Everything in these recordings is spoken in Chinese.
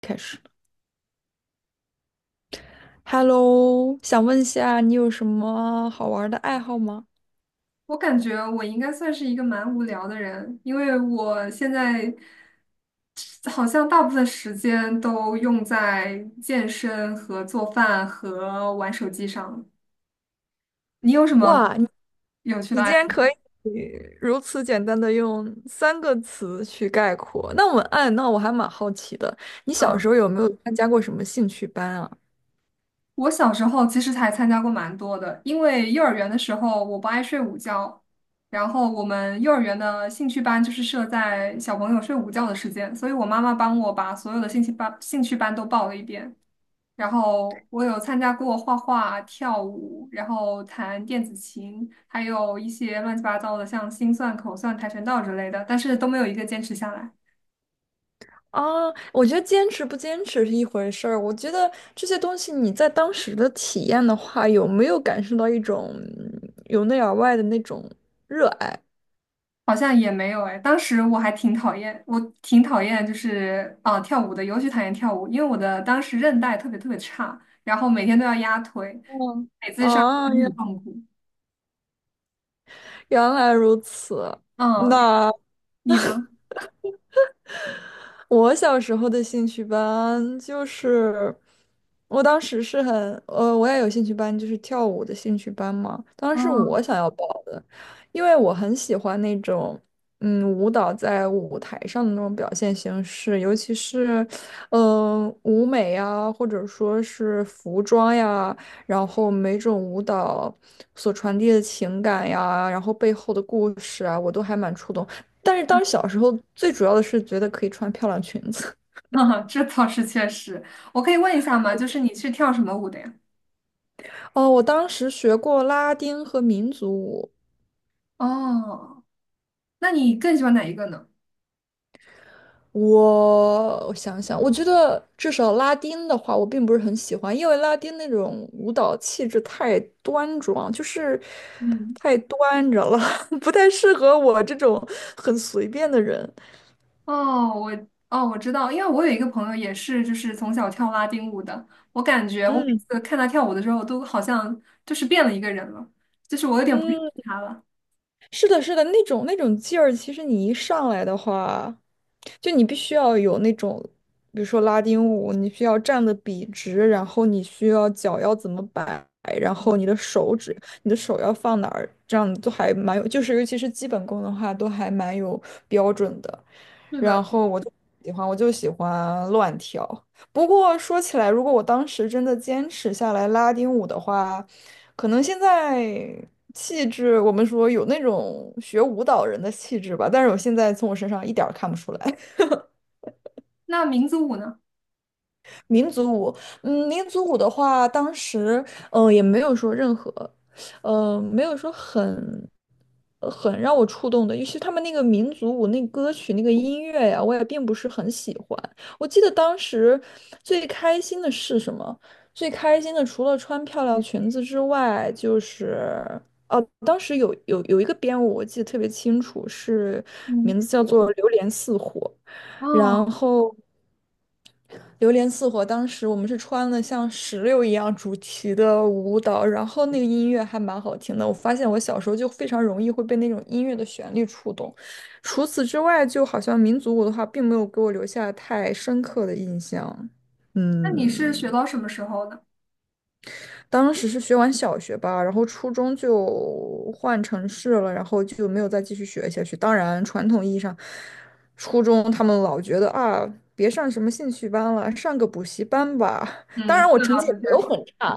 开始。Hello，想问一下，你有什么好玩儿的爱好吗？我感觉我应该算是一个蛮无聊的人，因为我现在好像大部分时间都用在健身和做饭和玩手机上。你有什么哇，你有趣你的爱竟好？然可以如此简单的用三个词去概括，那我哎，那我还蛮好奇的，你小时嗯，候有没有参加过什么兴趣班啊？我小时候其实还参加过蛮多的，因为幼儿园的时候我不爱睡午觉，然后我们幼儿园的兴趣班就是设在小朋友睡午觉的时间，所以我妈妈帮我把所有的兴趣班都报了一遍。然后我有参加过画画、跳舞，然后弹电子琴，还有一些乱七八糟的，像心算、口算、跆拳道之类的，但是都没有一个坚持下来，啊，我觉得坚持不坚持是一回事儿，我觉得这些东西你在当时的体验的话，有没有感受到一种由内而外的那种热爱？好像也没有哎。当时我还挺讨厌，我挺讨厌就是啊、跳舞的，尤其讨厌跳舞，因为我的当时韧带特别差，然后每天都要压腿，嗯，啊，原很痛苦。原来如此。嗯，那。你呢？我小时候的兴趣班就是，我当时是很，我也有兴趣班，就是跳舞的兴趣班嘛。当时嗯，我想要报的，因为我很喜欢那种，嗯，舞蹈在舞台上的那种表现形式，尤其是，嗯、舞美呀，或者说是服装呀，然后每种舞蹈所传递的情感呀，然后背后的故事啊，我都还蛮触动。但是当时小时候最主要的是觉得可以穿漂亮裙子。这倒是确实。我可以问一下吗？就是你是跳什么舞的呀？哦，我当时学过拉丁和民族舞。哦，那你更喜欢哪一个呢？我想想，我觉得至少拉丁的话，我并不是很喜欢，因为拉丁那种舞蹈气质太端庄，就是嗯，太端着了，不太适合我这种很随便的人。我知道，因为我有一个朋友也是，就是从小跳拉丁舞的。我感觉我每嗯次看他跳舞的时候，都好像就是变了一个人了，就是我有点不认嗯，识他了。是的，是的，那种那种劲儿，其实你一上来的话，就你必须要有那种，比如说拉丁舞，你需要站的笔直，然后你需要脚要怎么摆，然后你的手指，你的手要放哪儿，这样都还蛮有，就是尤其是基本功的话，都还蛮有标准的。是然的，后我就喜欢，我就喜欢乱跳。不过说起来，如果我当时真的坚持下来拉丁舞的话，可能现在气质，我们说有那种学舞蹈人的气质吧，但是我现在从我身上一点儿看不出来。那民族舞呢？民族舞，嗯，民族舞的话，当时嗯，也没有说任何，没有说很很让我触动的，尤其他们那个民族舞那歌曲那个音乐呀，我也并不是很喜欢。我记得当时最开心的是什么？最开心的除了穿漂亮裙子之外，就是哦，当时有一个编舞，我记得特别清楚，是嗯，名字叫做《榴莲似火》。哦，然后榴莲似火，当时我们是穿了像石榴一样主题的舞蹈，然后那个音乐还蛮好听的。我发现我小时候就非常容易会被那种音乐的旋律触动。除此之外，就好像民族舞的话，并没有给我留下太深刻的印象。那你是学嗯。到什么时候呢？当时是学完小学吧，然后初中就换城市了，然后就没有再继续学下去。当然，传统意义上，初中他们老觉得啊，别上什么兴趣班了，上个补习班吧。当然，嗯，我这成倒绩也是没确有实，很差，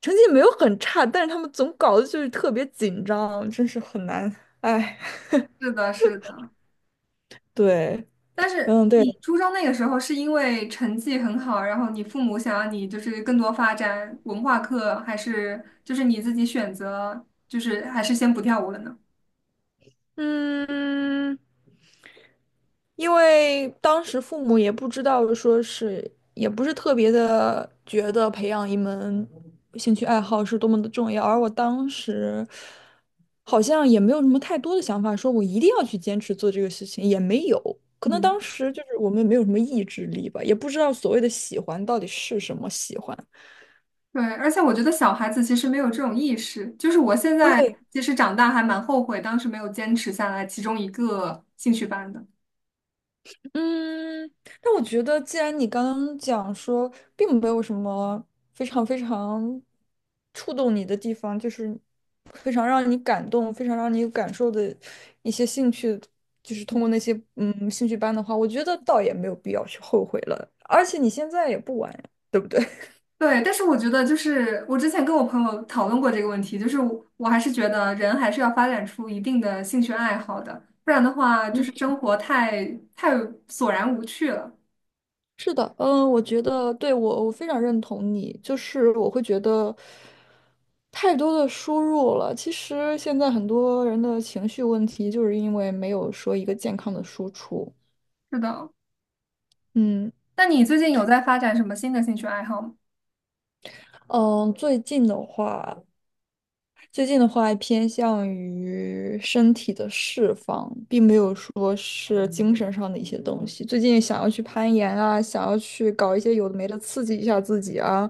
成绩也没有很差，但是他们总搞得就是特别紧张，真是很难。哎，是的，是的。对，但是嗯，对。你初中那个时候是因为成绩很好，然后你父母想让你就是更多发展文化课，还是就是你自己选择，就是还是先不跳舞了呢？嗯，因为当时父母也不知道，说是也不是特别的觉得培养一门兴趣爱好是多么的重要，而我当时好像也没有什么太多的想法，说我一定要去坚持做这个事情，也没有。可能嗯，当时就是我们没有什么意志力吧，也不知道所谓的喜欢到底是什么喜欢。对，而且我觉得小孩子其实没有这种意识，就是我现在对，其实长大还蛮后悔当时没有坚持下来其中一个兴趣班的。嗯，但我觉得，既然你刚刚讲说，并没有什么非常非常触动你的地方，就是非常让你感动、非常让你有感受的一些兴趣，就是通过那些兴趣班的话，我觉得倒也没有必要去后悔了。而且你现在也不晚呀，对不对？对，但是我觉得就是我之前跟我朋友讨论过这个问题，就是我还是觉得人还是要发展出一定的兴趣爱好的，不然的话 就嗯。是生活太索然无趣了。是的，嗯，我觉得对，我非常认同你，就是我会觉得太多的输入了。其实现在很多人的情绪问题，就是因为没有说一个健康的输出。是的，嗯那你最近有在发展什么新的兴趣爱好吗？嗯，最近的话，最近的话偏向于身体的释放，并没有说是精神上的一些东西。最近想要去攀岩啊，想要去搞一些有的没的刺激一下自己啊，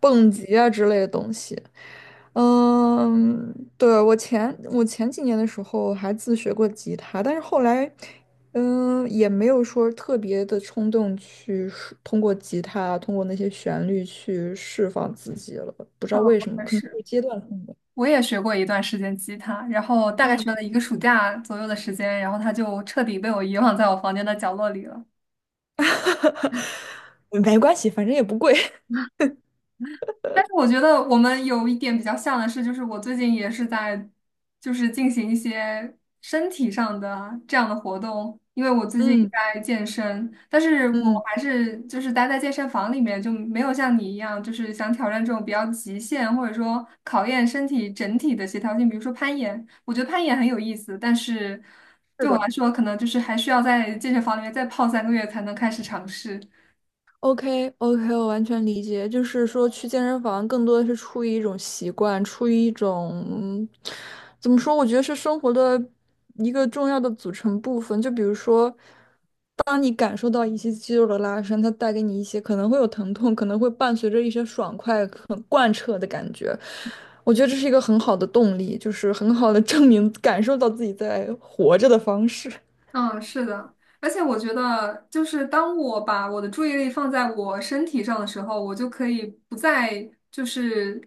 蹦极啊之类的东西。嗯，对，我前几年的时候还自学过吉他，但是后来，嗯，也没有说特别的冲动去释通过吉他，通过那些旋律去释放自己了。不知嗯，道为我什么，也可能是。是阶段性的。我也学过一段时间吉他，然后大概学了一个暑假左右的时间，然后它就彻底被我遗忘在我房间的角落里了。没关系，反正也不贵。但是我觉得我们有一点比较像的是，就是我最近也是在，就是进行一些身体上的这样的活动，因为我 最近嗯在健身，但是我嗯，还是就是待在健身房里面，就没有像你一样，就是想挑战这种比较极限，或者说考验身体整体的协调性，比如说攀岩，我觉得攀岩很有意思，但是是对我的来说，可能就是还需要在健身房里面再泡三个月才能开始尝试。，OK OK,我完全理解。就是说，去健身房更多的是出于一种习惯，出于一种嗯怎么说？我觉得是生活的一个重要的组成部分。就比如说，当你感受到一些肌肉的拉伸，它带给你一些可能会有疼痛，可能会伴随着一些爽快、很贯彻的感觉。我觉得这是一个很好的动力，就是很好的 证明感受到自己在活着的方式。嗯，是的，而且我觉得，就是当我把我的注意力放在我身体上的时候，我就可以不再就是，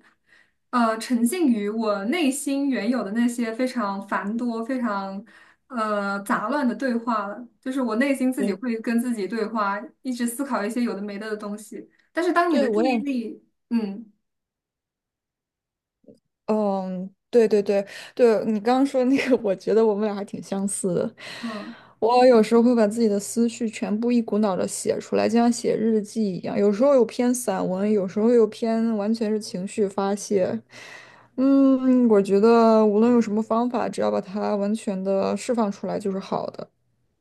沉浸于我内心原有的那些非常繁多、非常杂乱的对话了。就是我内心自己对。会跟自己对话，一直思考一些有的没的的东西。但是当你的对，注我意也，力，嗯。嗯，对对对对，你刚刚说那个，我觉得我们俩还挺相似的。嗯，我有时候会把自己的思绪全部一股脑的写出来，就像写日记一样。有时候又偏散文，有时候又偏完全是情绪发泄。嗯，我觉得无论用什么方法，只要把它完全的释放出来就是好的。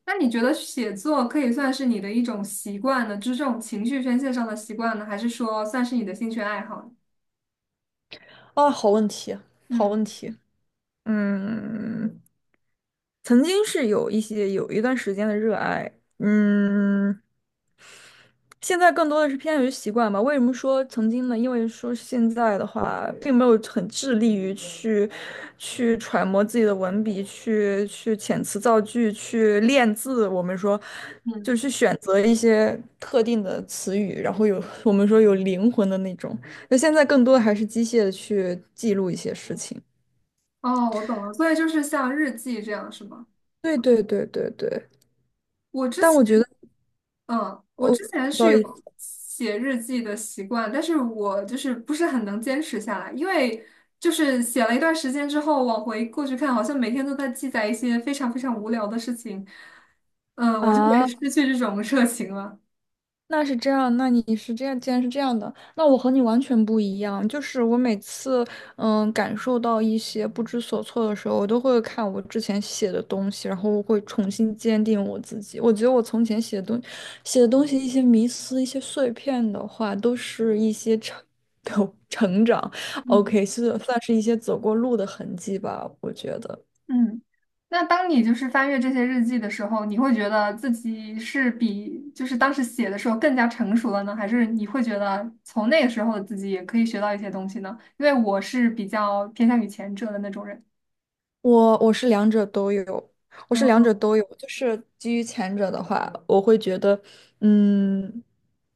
那你觉得写作可以算是你的一种习惯呢？就是这种情绪宣泄上的习惯呢，还是说算是你的兴趣爱好呢？啊，好问题，好嗯，问题。嗯，曾经是有一些有一段时间的热爱，嗯。现在更多的是偏向于习惯吧。为什么说曾经呢？因为说现在的话，并没有很致力于去揣摩自己的文笔，去遣词造句，去练字。我们说，嗯，就是去选择一些特定的词语，然后有我们说有灵魂的那种。那现在更多的还是机械的去记录一些事情。哦，我懂了，所以就是像日记这样是吗？对。我之但我觉前，得，嗯，我哦，之前不是好意有思写日记的习惯，但是我就是不是很能坚持下来，因为就是写了一段时间之后，往回过去看，好像每天都在记载一些非常无聊的事情，嗯，我就会啊。失去这种热情了。那是这样，那你是这样，既然是这样的，那我和你完全不一样。就是我每次，嗯，感受到一些不知所措的时候，我都会看我之前写的东西，然后我会重新坚定我自己。我觉得我从前写的东西，一些迷思、一些碎片的话，都是一些成 成长。嗯， OK,是算是一些走过路的痕迹吧，我觉得。嗯，那当你就是翻阅这些日记的时候，你会觉得自己是比就是当时写的时候更加成熟了呢，还是你会觉得从那个时候的自己也可以学到一些东西呢？因为我是比较偏向于前者的那种人，我我是两者都有，我是两嗯，者都有。就是基于前者的话，我会觉得，嗯，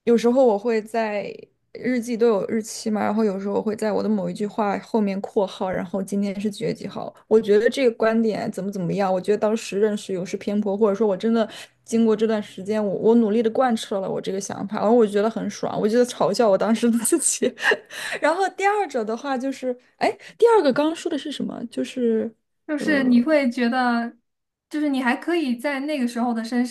有时候我会在日记都有日期嘛，然后有时候我会在我的某一句话后面括号，然后今天是几月几号。我觉得这个观点怎么怎么样，我觉得当时认识有失偏颇，或者说我真的经过这段时间，我努力的贯彻了我这个想法，然后我觉得很爽，我觉得嘲笑我当时的自己。然后第二者的话就是，哎，第二个刚刚说的是什么？就是。就是你呃，会觉得，就是你还可以在那个时候的身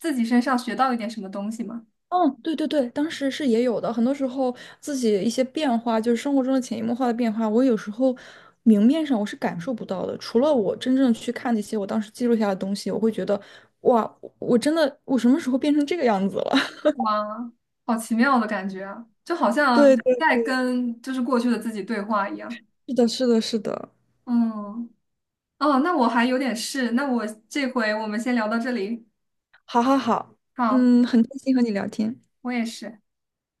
自己身上学到一点什么东西吗？嗯，对对对，当时是也有的。很多时候自己一些变化，就是生活中的潜移默化的变化，我有时候明面上我是感受不到的。除了我真正去看那些我当时记录下的东西，我会觉得，哇，我真的我什么时候变成这个样子了？哇，好奇妙的感觉啊，就好像对对，在跟就是过去的自己对话一样。是的，是的，是的。嗯。哦，那我还有点事，那我这回我们先聊到这里。好好好，好，嗯，很开心和你聊天。我也是。